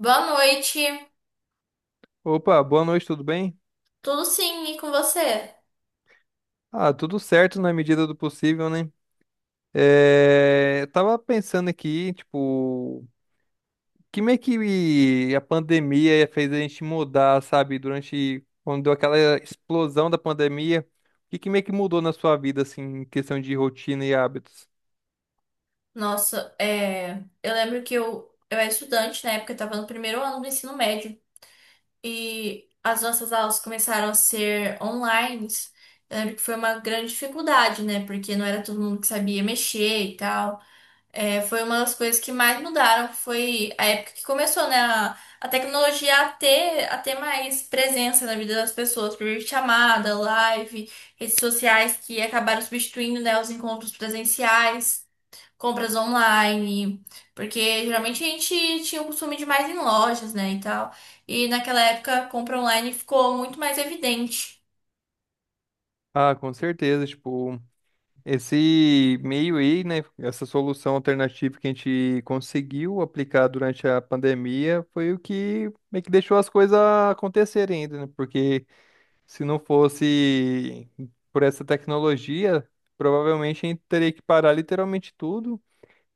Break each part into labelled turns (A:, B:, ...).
A: Boa noite.
B: Opa, boa noite, tudo bem?
A: Tudo sim, e com você?
B: Ah, tudo certo na medida do possível, né? Eu tava pensando aqui, tipo, que meio que a pandemia fez a gente mudar, sabe? Durante, quando deu aquela explosão da pandemia, o que que meio que mudou na sua vida, assim, em questão de rotina e hábitos?
A: Nossa, eu lembro que eu era estudante na época, eu estava no primeiro ano do ensino médio e as nossas aulas começaram a ser online. Eu lembro que foi uma grande dificuldade, né? Porque não era todo mundo que sabia mexer e tal. É, foi uma das coisas que mais mudaram, foi a época que começou, né, a tecnologia a ter mais presença na vida das pessoas, por chamada, live, redes sociais que acabaram substituindo, né, os encontros presenciais, compras online, porque geralmente a gente tinha o costume de ir mais em lojas, né, e tal, e naquela época a compra online ficou muito mais evidente.
B: Ah, com certeza, tipo, esse meio aí, né, essa solução alternativa que a gente conseguiu aplicar durante a pandemia foi o que meio que deixou as coisas acontecerem ainda, né? Porque se não fosse por essa tecnologia, provavelmente a gente teria que parar literalmente tudo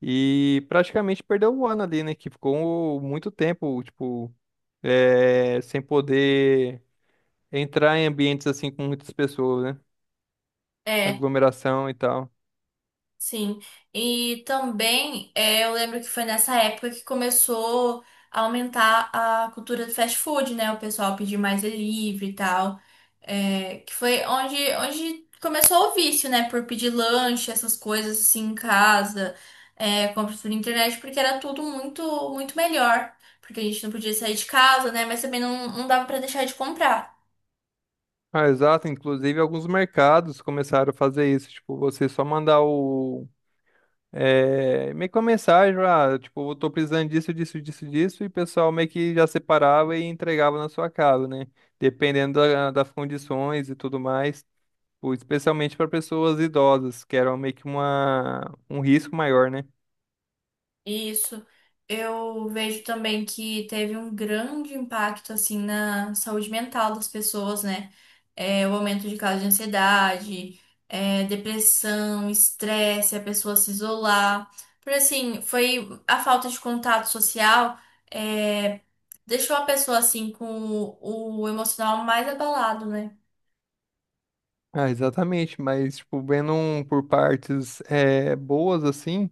B: e praticamente perdeu o ano ali, né? Que ficou muito tempo, tipo, sem poder entrar em ambientes assim com muitas pessoas, né?
A: É.
B: Aglomeração e tal.
A: Sim, e também eu lembro que foi nessa época que começou a aumentar a cultura do fast food, né? O pessoal pedir mais delivery e tal, eh, que foi onde, onde começou o vício, né? Por pedir lanche, essas coisas assim em casa, compras por internet, porque era tudo muito melhor, porque a gente não podia sair de casa, né? Mas também não dava pra deixar de comprar.
B: Ah, exato. Inclusive, alguns mercados começaram a fazer isso. Tipo, você só mandar o. É, meio que uma mensagem, ah, tipo, eu tô precisando disso, disso, disso, disso, e o pessoal meio que já separava e entregava na sua casa, né? Dependendo das condições e tudo mais. Tipo, especialmente para pessoas idosas, que era meio que uma, um risco maior, né?
A: Isso. Eu vejo também que teve um grande impacto assim na saúde mental das pessoas, né? É, o aumento de casos de ansiedade, é, depressão, estresse, a pessoa se isolar. Por assim, foi a falta de contato social, é, deixou a pessoa assim com o emocional mais abalado, né?
B: Ah, exatamente. Mas, tipo, vendo um por partes é, boas, assim.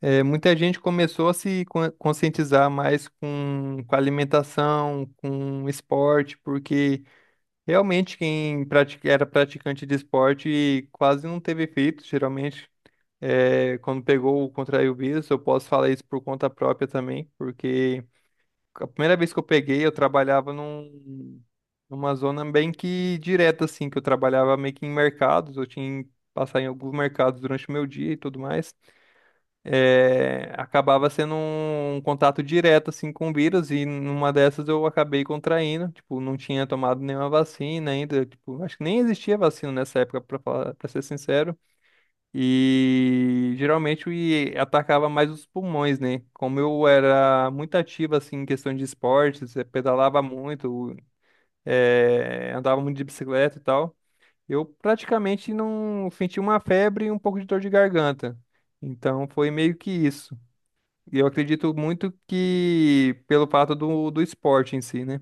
B: É, muita gente começou a se conscientizar mais com alimentação, com esporte, porque realmente quem era praticante de esporte quase não teve efeito, geralmente. É, quando pegou, contraiu o vírus, eu posso falar isso por conta própria também, porque a primeira vez que eu peguei, eu trabalhava num, numa zona bem que direta, assim, que eu trabalhava meio que em mercados, eu tinha que passar em alguns mercados durante o meu dia e tudo mais é, acabava sendo um contato direto assim com o vírus e numa dessas eu acabei contraindo, tipo, não tinha tomado nenhuma vacina ainda, tipo, acho que nem existia vacina nessa época para falar, para ser sincero. E geralmente e atacava mais os pulmões, né? Como eu era muito ativo assim em questão de esportes, pedalava muito, andava muito de bicicleta e tal. Eu praticamente não senti uma febre e um pouco de dor de garganta. Então foi meio que isso. E eu acredito muito que pelo fato do, do esporte em si, né?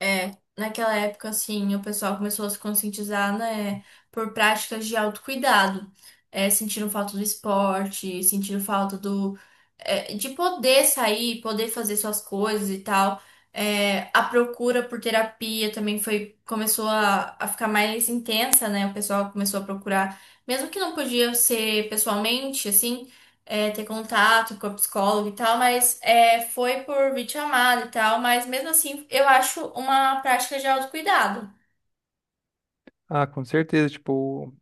A: É, naquela época, assim, o pessoal começou a se conscientizar, né, por práticas de autocuidado. É, sentiram falta do esporte, sentiram falta do, é, de poder sair, poder fazer suas coisas e tal. É, a procura por terapia também foi, começou a ficar mais intensa, né? O pessoal começou a procurar, mesmo que não podia ser pessoalmente, assim é, ter contato com a psicóloga e tal, mas é, foi por videochamada e tal, mas mesmo assim eu acho uma prática de autocuidado.
B: Ah, com certeza, tipo,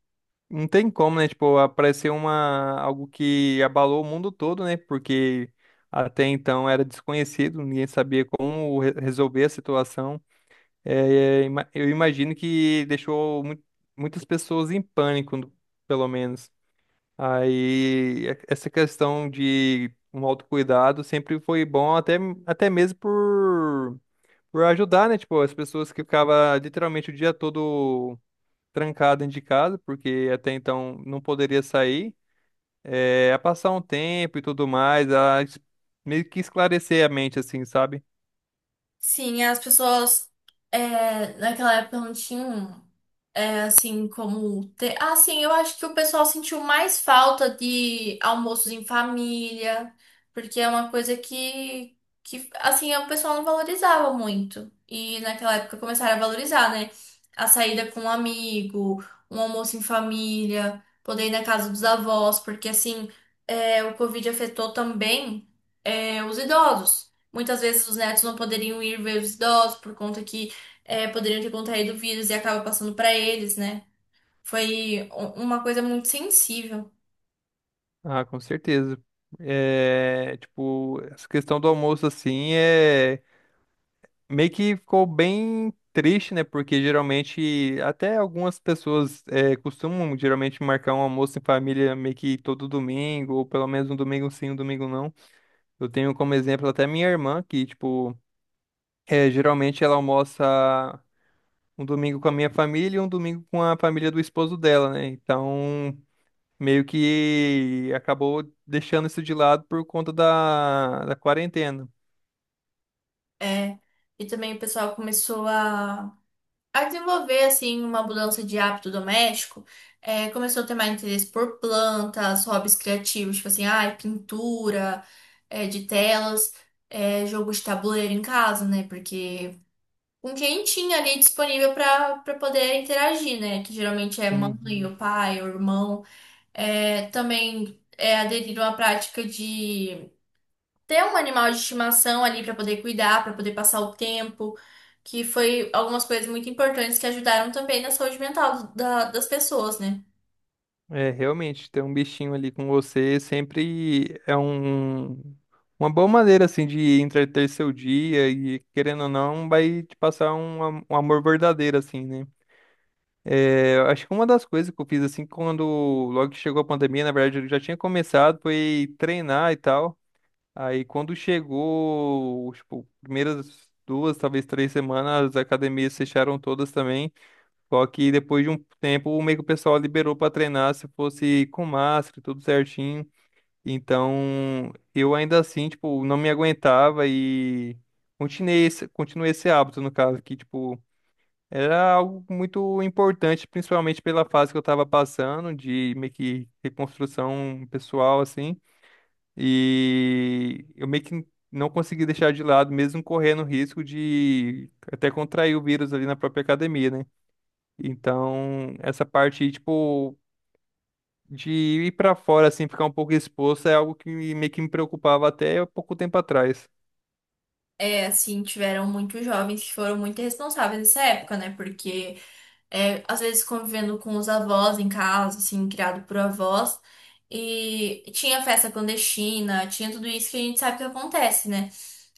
B: não tem como, né? Tipo, aparecer uma, algo que abalou o mundo todo, né? Porque até então era desconhecido, ninguém sabia como resolver a situação. É, eu imagino que deixou muitas pessoas em pânico, no- pelo menos. Aí, e- essa questão de um autocuidado sempre foi bom, até, até mesmo por ajudar, né? Tipo, as pessoas que ficavam literalmente o dia todo trancado dentro de casa, porque até então não poderia sair, a passar um tempo e tudo mais, a meio que esclarecer a mente, assim, sabe?
A: Sim, as pessoas é, naquela época não tinham é, assim como ter. Ah, sim, eu acho que o pessoal sentiu mais falta de almoços em família, porque é uma coisa que assim, o pessoal não valorizava muito. E naquela época começaram a valorizar, né? A saída com um amigo, um almoço em família, poder ir na casa dos avós, porque assim, é, o Covid afetou também é, os idosos. Muitas vezes os netos não poderiam ir ver os idosos por conta que eh, poderiam ter contraído o vírus e acaba passando para eles, né? Foi uma coisa muito sensível.
B: Ah, com certeza. Tipo, essa questão do almoço, assim, é meio que ficou bem triste, né? Porque geralmente, até algumas pessoas é, costumam geralmente marcar um almoço em família meio que todo domingo, ou pelo menos um domingo sim, um domingo não. Eu tenho como exemplo até minha irmã, que, tipo, geralmente ela almoça um domingo com a minha família e um domingo com a família do esposo dela, né? Então, meio que acabou deixando isso de lado por conta da, da quarentena.
A: É. E também o pessoal começou a desenvolver, assim, uma mudança de hábito doméstico. Eh, começou a ter mais interesse por plantas, hobbies criativos, tipo assim, ai, pintura, eh, de telas, eh, jogo de tabuleiro em casa, né? Porque com quem tinha ali disponível para poder interagir, né? Que geralmente é mãe,
B: Uhum.
A: o pai, o irmão. É, também é aderir a uma prática de ter um animal de estimação ali para poder cuidar, para poder passar o tempo, que foi algumas coisas muito importantes que ajudaram também na saúde mental das pessoas, né?
B: É, realmente, ter um bichinho ali com você sempre é um, uma boa maneira, assim, de entreter seu dia e, querendo ou não, vai te passar um, um amor verdadeiro, assim, né? Eu acho que uma das coisas que eu fiz assim, quando logo que chegou a pandemia, na verdade eu já tinha começado, foi treinar e tal. Aí quando chegou, tipo, primeiras duas, talvez três semanas, as academias fecharam todas também. Só que depois de um tempo, meio que o pessoal liberou para treinar se fosse com máscara, tudo certinho. Então, eu ainda assim, tipo, não me aguentava e continuei esse hábito, no caso, que, tipo, era algo muito importante, principalmente pela fase que eu estava passando, de meio que reconstrução pessoal, assim. E eu meio que não consegui deixar de lado, mesmo correndo risco de até contrair o vírus ali na própria academia, né? Então, essa parte, tipo, de ir para fora, assim, ficar um pouco exposto, é algo que meio que me preocupava até pouco tempo atrás.
A: É, assim, tiveram muitos jovens que foram muito irresponsáveis nessa época, né? Porque é, às vezes convivendo com os avós em casa, assim, criado por avós. E tinha festa clandestina, tinha tudo isso que a gente sabe que acontece, né?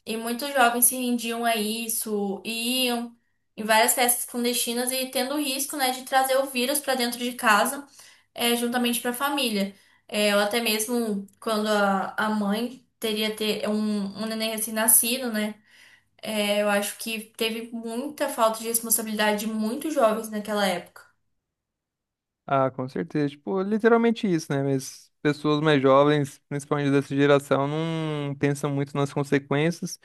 A: E muitos jovens se rendiam a isso, e iam em várias festas clandestinas e tendo o risco, né, de trazer o vírus para dentro de casa, é, juntamente para a família. É, ou até mesmo quando a mãe teria ter é, um neném recém-nascido, né? É, eu acho que teve muita falta de responsabilidade de muitos jovens naquela época.
B: Ah, com certeza. Tipo, literalmente isso, né? Mas pessoas mais jovens, principalmente dessa geração, não pensam muito nas consequências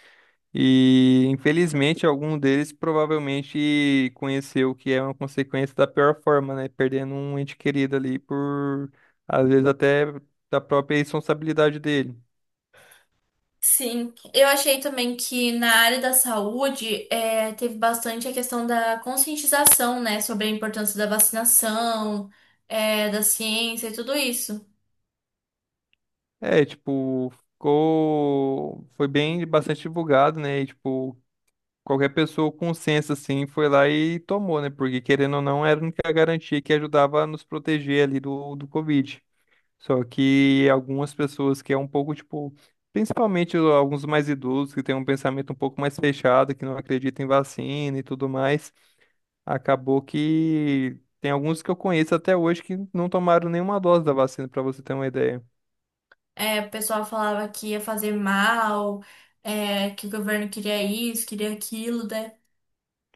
B: e, infelizmente, algum deles provavelmente conheceu o que é uma consequência da pior forma, né? Perdendo um ente querido ali por, às vezes, até da própria responsabilidade dele.
A: Sim, eu achei também que na área da saúde é, teve bastante a questão da conscientização, né, sobre a importância da vacinação, é, da ciência e tudo isso.
B: É, tipo, ficou... foi bem, bastante divulgado, né? E, tipo, qualquer pessoa com senso assim foi lá e tomou, né? Porque querendo ou não, era a única garantia que ajudava a nos proteger ali do, do Covid. Só que algumas pessoas que é um pouco tipo, principalmente o- alguns mais idosos que têm um pensamento um pouco mais fechado, que não acreditam em vacina e tudo mais, acabou que tem alguns que eu conheço até hoje que não tomaram nenhuma dose da vacina, para você ter uma ideia.
A: É, o pessoal falava que ia fazer mal, é, que o governo queria isso, queria aquilo, né?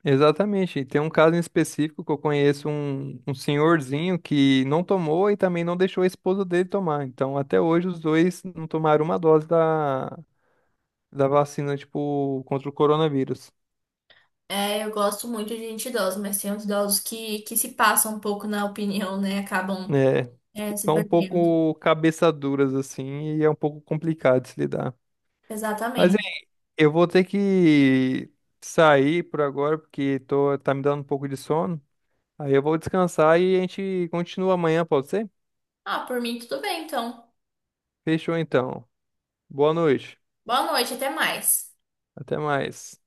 B: Exatamente. E tem um caso em específico que eu conheço um, um senhorzinho que não tomou e também não deixou a esposa dele tomar. Então, até hoje, os dois não tomaram uma dose da, da vacina, tipo, contra o coronavírus.
A: É, eu gosto muito de gente idosa, mas tem uns idosos que se passam um pouco na opinião, né, acabam,
B: É,
A: é, se
B: são um
A: perdendo.
B: pouco cabeça duras, assim, e é um pouco complicado de se lidar. Mas,
A: Exatamente.
B: hein, eu vou ter que sair por agora, porque tô, tá me dando um pouco de sono. Aí eu vou descansar e a gente continua amanhã, pode ser?
A: Ah, por mim tudo bem, então.
B: Fechou, então. Boa noite.
A: Boa noite, até mais.
B: Até mais.